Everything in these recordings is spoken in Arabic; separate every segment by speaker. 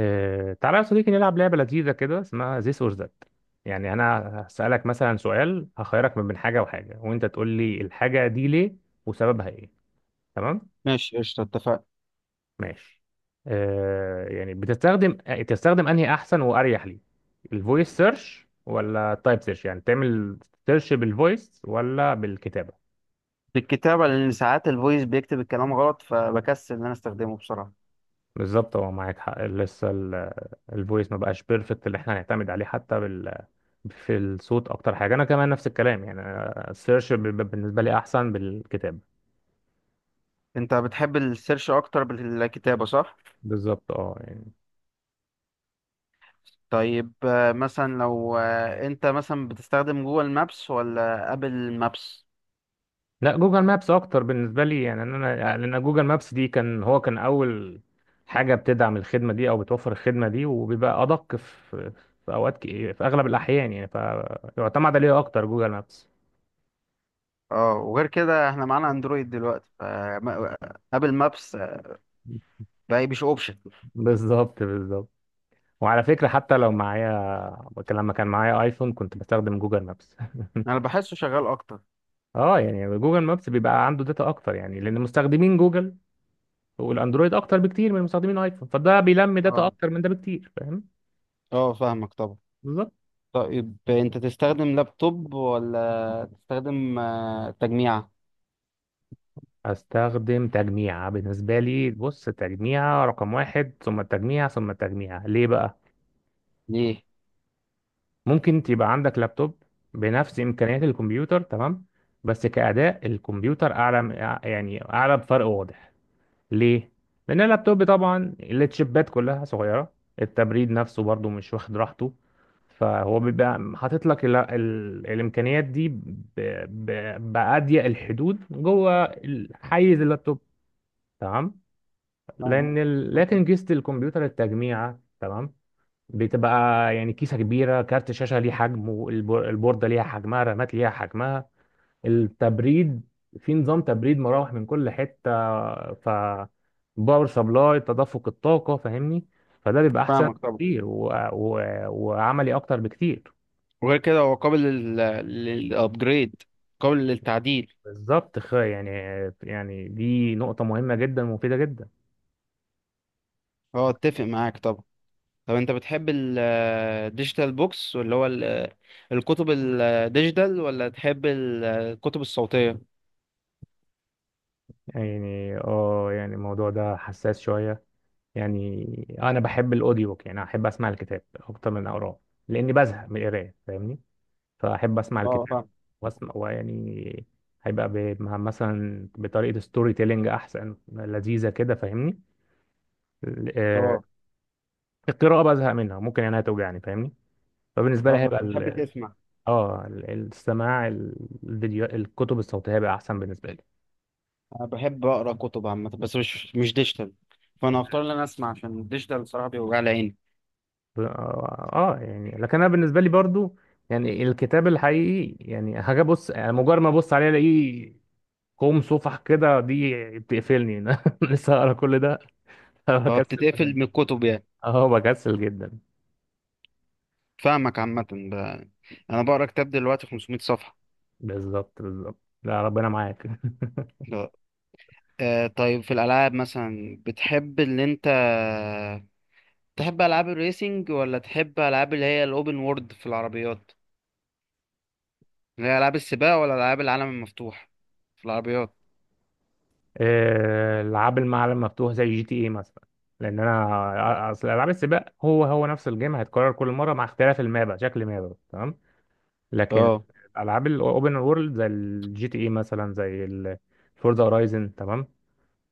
Speaker 1: تعالى يا صديقي، نلعب لعبة لذيذة كده اسمها this or that. يعني أنا هسألك مثلا سؤال، هخيرك من بين حاجة وحاجة وأنت تقول لي الحاجة دي ليه وسببها إيه. تمام؟
Speaker 2: ماشي قشطة اتفقنا.
Speaker 1: ماشي. يعني تستخدم أنهي أحسن وأريح لي، الفويس سيرش ولا التايب سيرش؟ يعني تعمل سيرش بالفويس ولا بالكتابة؟
Speaker 2: بالكتابة، لأن ساعات الفويس بيكتب الكلام غلط فبكسل إن أنا أستخدمه بصراحة.
Speaker 1: بالظبط، هو معاك حق. لسه الفويس ما بقاش بيرفكت اللي احنا هنعتمد عليه حتى في الصوت. اكتر حاجه انا كمان نفس الكلام، يعني أنا السيرش بيبقى بالنسبه لي احسن بالكتاب.
Speaker 2: أنت بتحب السيرش أكتر بالكتابة صح؟
Speaker 1: بالظبط، اه يعني.
Speaker 2: طيب مثلا لو أنت مثلا بتستخدم جوجل مابس ولا أبل مابس؟
Speaker 1: لا، جوجل مابس اكتر بالنسبه لي، يعني إن انا يعني لان جوجل مابس دي كان هو كان اول حاجه بتدعم الخدمه دي او بتوفر الخدمه دي، وبيبقى ادق في اغلب الاحيان، يعني فيعتمد عليه اكتر جوجل مابس.
Speaker 2: اه، وغير كده احنا معانا اندرويد دلوقتي، فابل مابس بقى مش اوبشن.
Speaker 1: بالظبط بالظبط. وعلى فكره حتى لو معايا، لما كان معايا ايفون كنت بستخدم جوجل مابس.
Speaker 2: انا بحسه شغال اكتر.
Speaker 1: اه يعني جوجل مابس بيبقى عنده داتا اكتر، يعني لان مستخدمين جوجل والاندرويد اكتر بكتير من مستخدمين الايفون، فده بيلم داتا
Speaker 2: اه.
Speaker 1: اكتر من ده بكتير، فاهم؟
Speaker 2: اه فاهمك طبعا.
Speaker 1: بالظبط.
Speaker 2: طيب انت تستخدم لابتوب ولا تستخدم تجميعة؟
Speaker 1: هستخدم تجميع بالنسبة لي. بص، تجميع رقم واحد ثم التجميع ثم التجميع. ليه بقى؟
Speaker 2: ليه؟
Speaker 1: ممكن تبقى عندك لابتوب بنفس إمكانيات الكمبيوتر، تمام، بس كأداء الكمبيوتر أعلى، يعني أعلى بفرق واضح. ليه؟ لأن اللابتوب طبعا التشيبات كلها صغيرة، التبريد نفسه برضو مش واخد راحته، فهو بيبقى حاطط لك ال ال الإمكانيات دي بأضيق الحدود جوه حيز اللابتوب، تمام؟
Speaker 2: فاهم.
Speaker 1: لأن ال لكن كيسة الكمبيوتر التجميعة، تمام؟ بتبقى يعني كيسة كبيرة، كارت شاشة ليه حجمه، البوردة ليها حجمها، رامات ليها حجمها، التبريد، في نظام تبريد مراوح من كل حتة، ف باور سبلاي تدفق الطاقة، فاهمني؟ فده بيبقى أحسن
Speaker 2: فاهمك طبعا.
Speaker 1: بكتير وعملي أكتر بكتير.
Speaker 2: وغير كده هو قابل للابجريد، قابل للتعديل.
Speaker 1: بالظبط، يعني دي نقطة مهمة جدا ومفيدة جدا.
Speaker 2: هو اتفق معاك طبعا. طب انت بتحب الديجيتال بوكس واللي هو الكتب الديجيتال ولا تحب الكتب الصوتية؟
Speaker 1: يعني اه يعني الموضوع ده حساس شوية. يعني أنا بحب الأوديو بوك، يعني أحب أسمع الكتاب أكتر من أقراه لأني بزهق من القراية، فاهمني؟ فأحب أسمع
Speaker 2: اه
Speaker 1: الكتاب
Speaker 2: فاهم.
Speaker 1: واسمع، ويعني هيبقى مثلا بطريقة ستوري تيلينج أحسن، لذيذة كده، فاهمني؟ ال- آه،
Speaker 2: اه.
Speaker 1: القراءة بزهق منها ممكن يعني هتوجعني، فاهمني؟ فبالنسبة لي
Speaker 2: اه
Speaker 1: هيبقى
Speaker 2: فانت بتحب تسمع.
Speaker 1: السماع، الفيديو، الكتب الصوتية هيبقى أحسن بالنسبة لي.
Speaker 2: انا بحب اقرا كتب عامة بس مش ديجيتال، فانا هختار ان انا اسمع، عشان الديجيتال صراحة بيوجع لي عيني.
Speaker 1: ب- اه يعني لكن أنا بالنسبة لي برضو يعني الكتاب الحقيقي، يعني هاجي أبص، يعني مجرد ما أبص عليه ألاقيه كوم صفح كده، دي بتقفلني. لسه هقرا كل ده؟
Speaker 2: اه،
Speaker 1: بكسل
Speaker 2: بتتقفل
Speaker 1: جدا.
Speaker 2: من الكتب يعني.
Speaker 1: اه بكسل جدا.
Speaker 2: فاهمك عامة. انا بقرا كتاب دلوقتي 500 صفحة.
Speaker 1: بالظبط بالظبط، لا ربنا معاك.
Speaker 2: آه طيب، في الألعاب مثلا، بتحب اللي أنت تحب ألعاب الريسينج ولا تحب ألعاب اللي هي الأوبن وورد في العربيات؟ اللي هي ألعاب السباق ولا ألعاب العالم المفتوح في العربيات؟
Speaker 1: العاب المعالم مفتوح زي جي تي اي مثلا، لان انا اصل العاب السباق هو هو نفس الجيم هيتكرر كل مره مع اختلاف المابا، شكل مابا، تمام. لكن
Speaker 2: اه
Speaker 1: العاب الاوبن وورلد زي الجي تي اي مثلا، زي الفورزا هورايزن، تمام.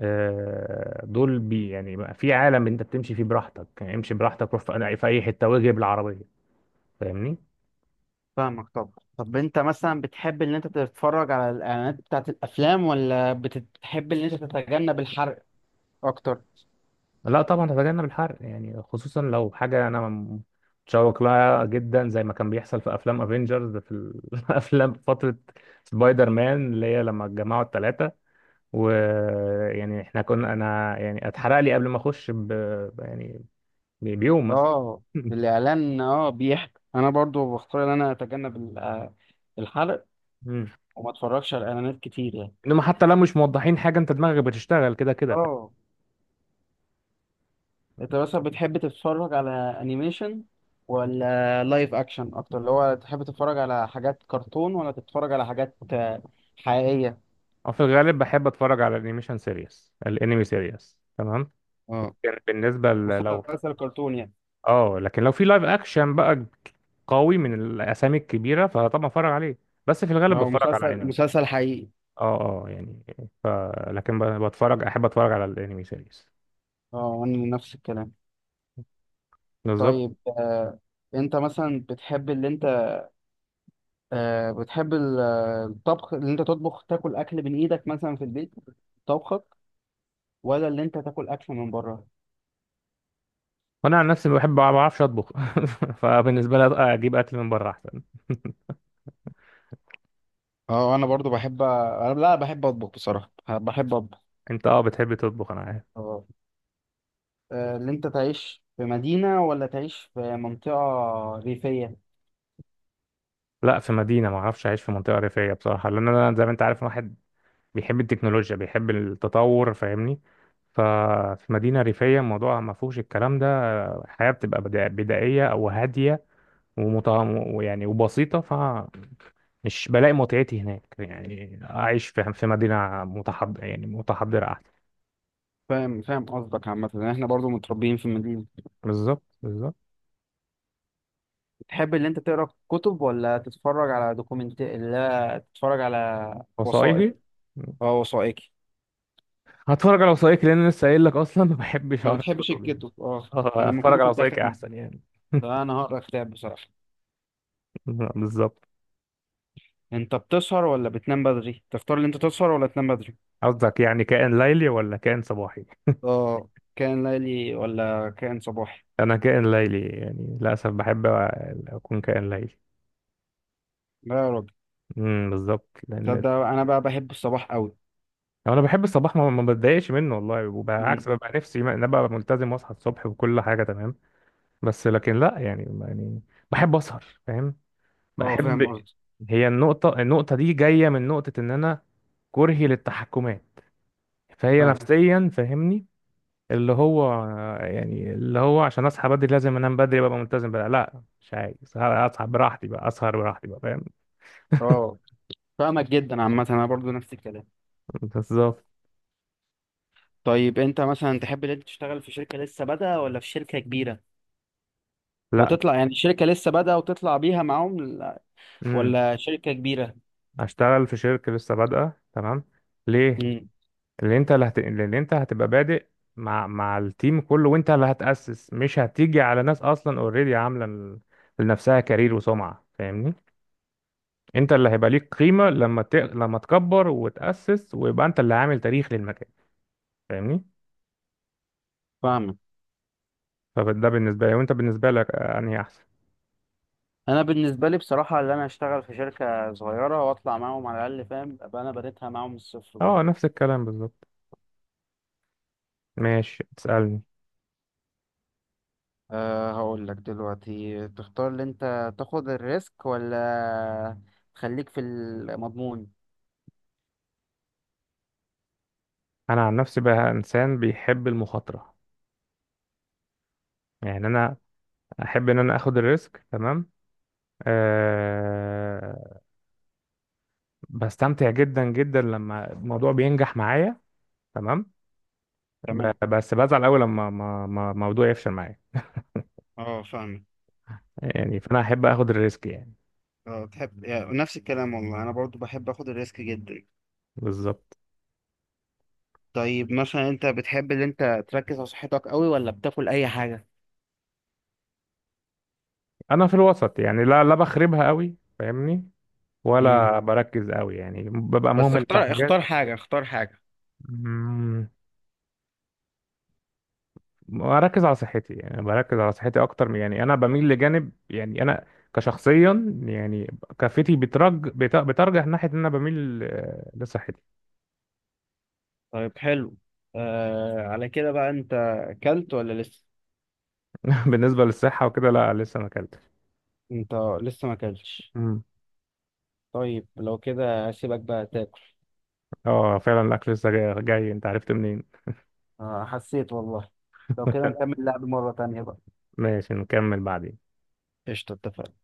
Speaker 1: دول بي يعني بقى في عالم انت بتمشي فيه براحتك، يعني امشي براحتك، روح في اي حته واجري بالعربيه، فاهمني؟
Speaker 2: فاهمك طبعا. طب أنت مثلا بتحب إن أنت تتفرج على الإعلانات بتاعت الأفلام ولا بتحب إن أنت تتجنب الحرق أكتر؟
Speaker 1: لا طبعا هتجنب الحرق، يعني خصوصا لو حاجة أنا متشوق لها جدا، زي ما كان بيحصل في أفلام أفينجرز في الأفلام. فترة سبايدر مان اللي هي لما اتجمعوا التلاتة، ويعني إحنا كنا أنا يعني اتحرق لي قبل ما أخش يعني بيوم مثلا.
Speaker 2: اه الإعلان، اه بيحكي، أنا برضو بختار إن أنا أتجنب الحرق،
Speaker 1: مم.
Speaker 2: وما أتفرجش على إعلانات كتير يعني.
Speaker 1: إنما حتى لو مش موضحين حاجة أنت دماغك بتشتغل كده كده، فاهم؟
Speaker 2: اه، انت مثلا بتحب تتفرج على انيميشن ولا لايف اكشن اكتر، اللي هو تحب تتفرج على حاجات كرتون ولا تتفرج على حاجات حقيقية؟
Speaker 1: أو في الغالب بحب أتفرج على الأنيميشن سيريس، الأنمي سيريس، تمام.
Speaker 2: اه
Speaker 1: كان بالنسبة لو
Speaker 2: مسلسل كرتون يعني.
Speaker 1: اه لكن لو في لايف اكشن بقى قوي من الاسامي الكبيره، فطبعا اتفرج عليه. بس في الغالب
Speaker 2: اه
Speaker 1: بتفرج على
Speaker 2: مسلسل
Speaker 1: انمي.
Speaker 2: مسلسل حقيقي.
Speaker 1: اه اه يعني ف... لكن بتفرج، احب اتفرج على الانمي سيريز.
Speaker 2: اه وانا نفس الكلام.
Speaker 1: بالظبط.
Speaker 2: طيب آه، انت مثلا بتحب اللي انت بتحب الطبخ، اللي انت تطبخ تاكل اكل من ايدك مثلا في البيت، طبخك، ولا اللي انت تاكل اكل من بره؟
Speaker 1: وانا عن نفسي ما بعرفش اطبخ. فبالنسبه لي اجيب اكل من بره احسن.
Speaker 2: اه انا برضو بحب انا لا، بحب اطبخ بصراحة، بحب
Speaker 1: انت اه بتحب تطبخ، انا عارف.
Speaker 2: اطبخ. اللي انت تعيش في مدينة ولا تعيش في منطقة ريفية؟
Speaker 1: لا في مدينه، ما اعرفش اعيش في منطقه ريفيه بصراحه، لان انا زي ما انت عارف واحد بيحب التكنولوجيا، بيحب التطور، فاهمني؟ ففي مدينه ريفيه الموضوع ما فيهوش الكلام ده، الحياه بتبقى بدائيه او هاديه ومطعم ويعني وبسيطة، فمش بلاقي متعتي هناك. يعني أعيش في مدينة متحضر، يعني متحضرة، أحسن.
Speaker 2: فاهم فاهم قصدك عامة، يعني احنا برضو متربيين في مدينة.
Speaker 1: بالظبط بالظبط.
Speaker 2: تحب اللي انت تقرا كتب ولا تتفرج على دوكيومنت، لا تتفرج على وثائق،
Speaker 1: وثائقي.
Speaker 2: اه وثائقي.
Speaker 1: هتفرج على وثائقي لأن أنا لسه قايل لك أصلا ما بحبش
Speaker 2: ما
Speaker 1: أقرأ
Speaker 2: بتحبش
Speaker 1: كتب يعني.
Speaker 2: الكتب، اه
Speaker 1: اه
Speaker 2: انا المفروض
Speaker 1: هتفرج على
Speaker 2: كنت
Speaker 1: وثائقي
Speaker 2: اخمن،
Speaker 1: أحسن يعني.
Speaker 2: فانا هقرا كتاب بصراحة.
Speaker 1: بالظبط.
Speaker 2: انت بتسهر ولا بتنام بدري؟ تختار اللي انت تسهر ولا تنام بدري؟
Speaker 1: قصدك يعني كائن ليلي ولا كائن صباحي؟
Speaker 2: اه كان ليلي ولا كان صباحي؟
Speaker 1: أنا كائن ليلي يعني، للأسف بحب أكون كائن ليلي.
Speaker 2: لا يا راجل،
Speaker 1: بالظبط لأن
Speaker 2: تصدق انا بقى بحب الصباح قوي.
Speaker 1: يعني انا بحب الصباح، ما بتضايقش منه والله، وبالعكس ببقى نفسي ان أنا ابقى ملتزم واصحى الصبح وكل حاجه تمام. بس لكن لا يعني يعني بحب اسهر، فاهم؟
Speaker 2: اه فاهم
Speaker 1: بحب. هي النقطه دي جايه من نقطه ان انا كرهي للتحكمات، فهي
Speaker 2: قصدي.
Speaker 1: نفسيا فاهمني، اللي هو يعني اللي هو عشان اصحى بدري لازم انام بدري ببقى ملتزم بقى، لا مش عايز، اصحى براحتي بقى، اسهر براحتي بقى، فاهم؟
Speaker 2: اه فاهمك جدا، عامة انا برضو نفس الكلام.
Speaker 1: بالظبط.
Speaker 2: طيب انت مثلا تحب ان انت تشتغل في شركة لسه بادئة ولا في شركة كبيرة،
Speaker 1: لا.
Speaker 2: وتطلع يعني شركة لسه بادئة وتطلع بيها معاهم
Speaker 1: امم
Speaker 2: ولا شركة كبيرة؟
Speaker 1: اشتغل في شركه لسه بادئه، تمام. ليه؟
Speaker 2: امم
Speaker 1: اللي انت، اللي انت هتبقى بادئ مع التيم كله، وانت اللي هتأسس، مش هتيجي على ناس اصلا اوريدي عامله لنفسها كارير وسمعه، فاهمني؟ انت اللي هيبقى ليك قيمه لما لما تكبر وتأسس ويبقى انت اللي عامل تاريخ للمكان، فاهمني؟
Speaker 2: فاهمك.
Speaker 1: فده بالنسبه لي، وانت بالنسبه لك انهي احسن؟
Speaker 2: انا بالنسبة لي بصراحة ان انا اشتغل في شركة صغيرة واطلع معاهم على الاقل، فاهم، ابقى انا بنيتها معاهم من الصفر
Speaker 1: اه
Speaker 2: برضو.
Speaker 1: نفس الكلام بالظبط. ماشي تسألني.
Speaker 2: أه هقول لك دلوقتي، تختار ان انت تاخد الريسك ولا تخليك في المضمون؟
Speaker 1: انا عن نفسي بقى انسان بيحب المخاطره، يعني انا احب ان انا اخد الريسك، تمام. آه، بستمتع جدا جدا لما الموضوع بينجح معايا، تمام.
Speaker 2: تمام.
Speaker 1: بس بزعل قوي لما ما موضوع يفشل معايا،
Speaker 2: اه فاهمك.
Speaker 1: يعني فانا احب اخد الريسك يعني.
Speaker 2: اه بتحب يعني، نفس الكلام والله، انا برضو بحب اخد الريسك جدا.
Speaker 1: بالظبط.
Speaker 2: طيب مثلا انت بتحب ان انت تركز على صحتك قوي ولا بتاكل اي حاجه؟
Speaker 1: انا في الوسط يعني، لا لا بخربها قوي، فاهمني؟
Speaker 2: امم،
Speaker 1: ولا بركز قوي، يعني ببقى
Speaker 2: بس
Speaker 1: مهمل في
Speaker 2: اختار، اختار
Speaker 1: حاجات.
Speaker 2: حاجه اختار حاجه
Speaker 1: مم، بركز على صحتي، يعني بركز على صحتي اكتر يعني انا بميل لجانب، يعني انا كشخصيا يعني كفتي بترجح ناحيه ان انا بميل لصحتي.
Speaker 2: طيب حلو. آه على كده بقى، انت اكلت ولا لسه؟
Speaker 1: بالنسبه للصحه وكده، لا لسه ما اكلتش.
Speaker 2: انت لسه ما اكلتش؟
Speaker 1: مم.
Speaker 2: طيب لو كده هسيبك بقى تاكل.
Speaker 1: اه فعلا الاكل لسه جاي, جاي انت عرفت منين؟
Speaker 2: آه حسيت والله. لو كده نكمل لعب مره تانية بقى.
Speaker 1: ماشي نكمل بعدين.
Speaker 2: قشطه، اتفقنا.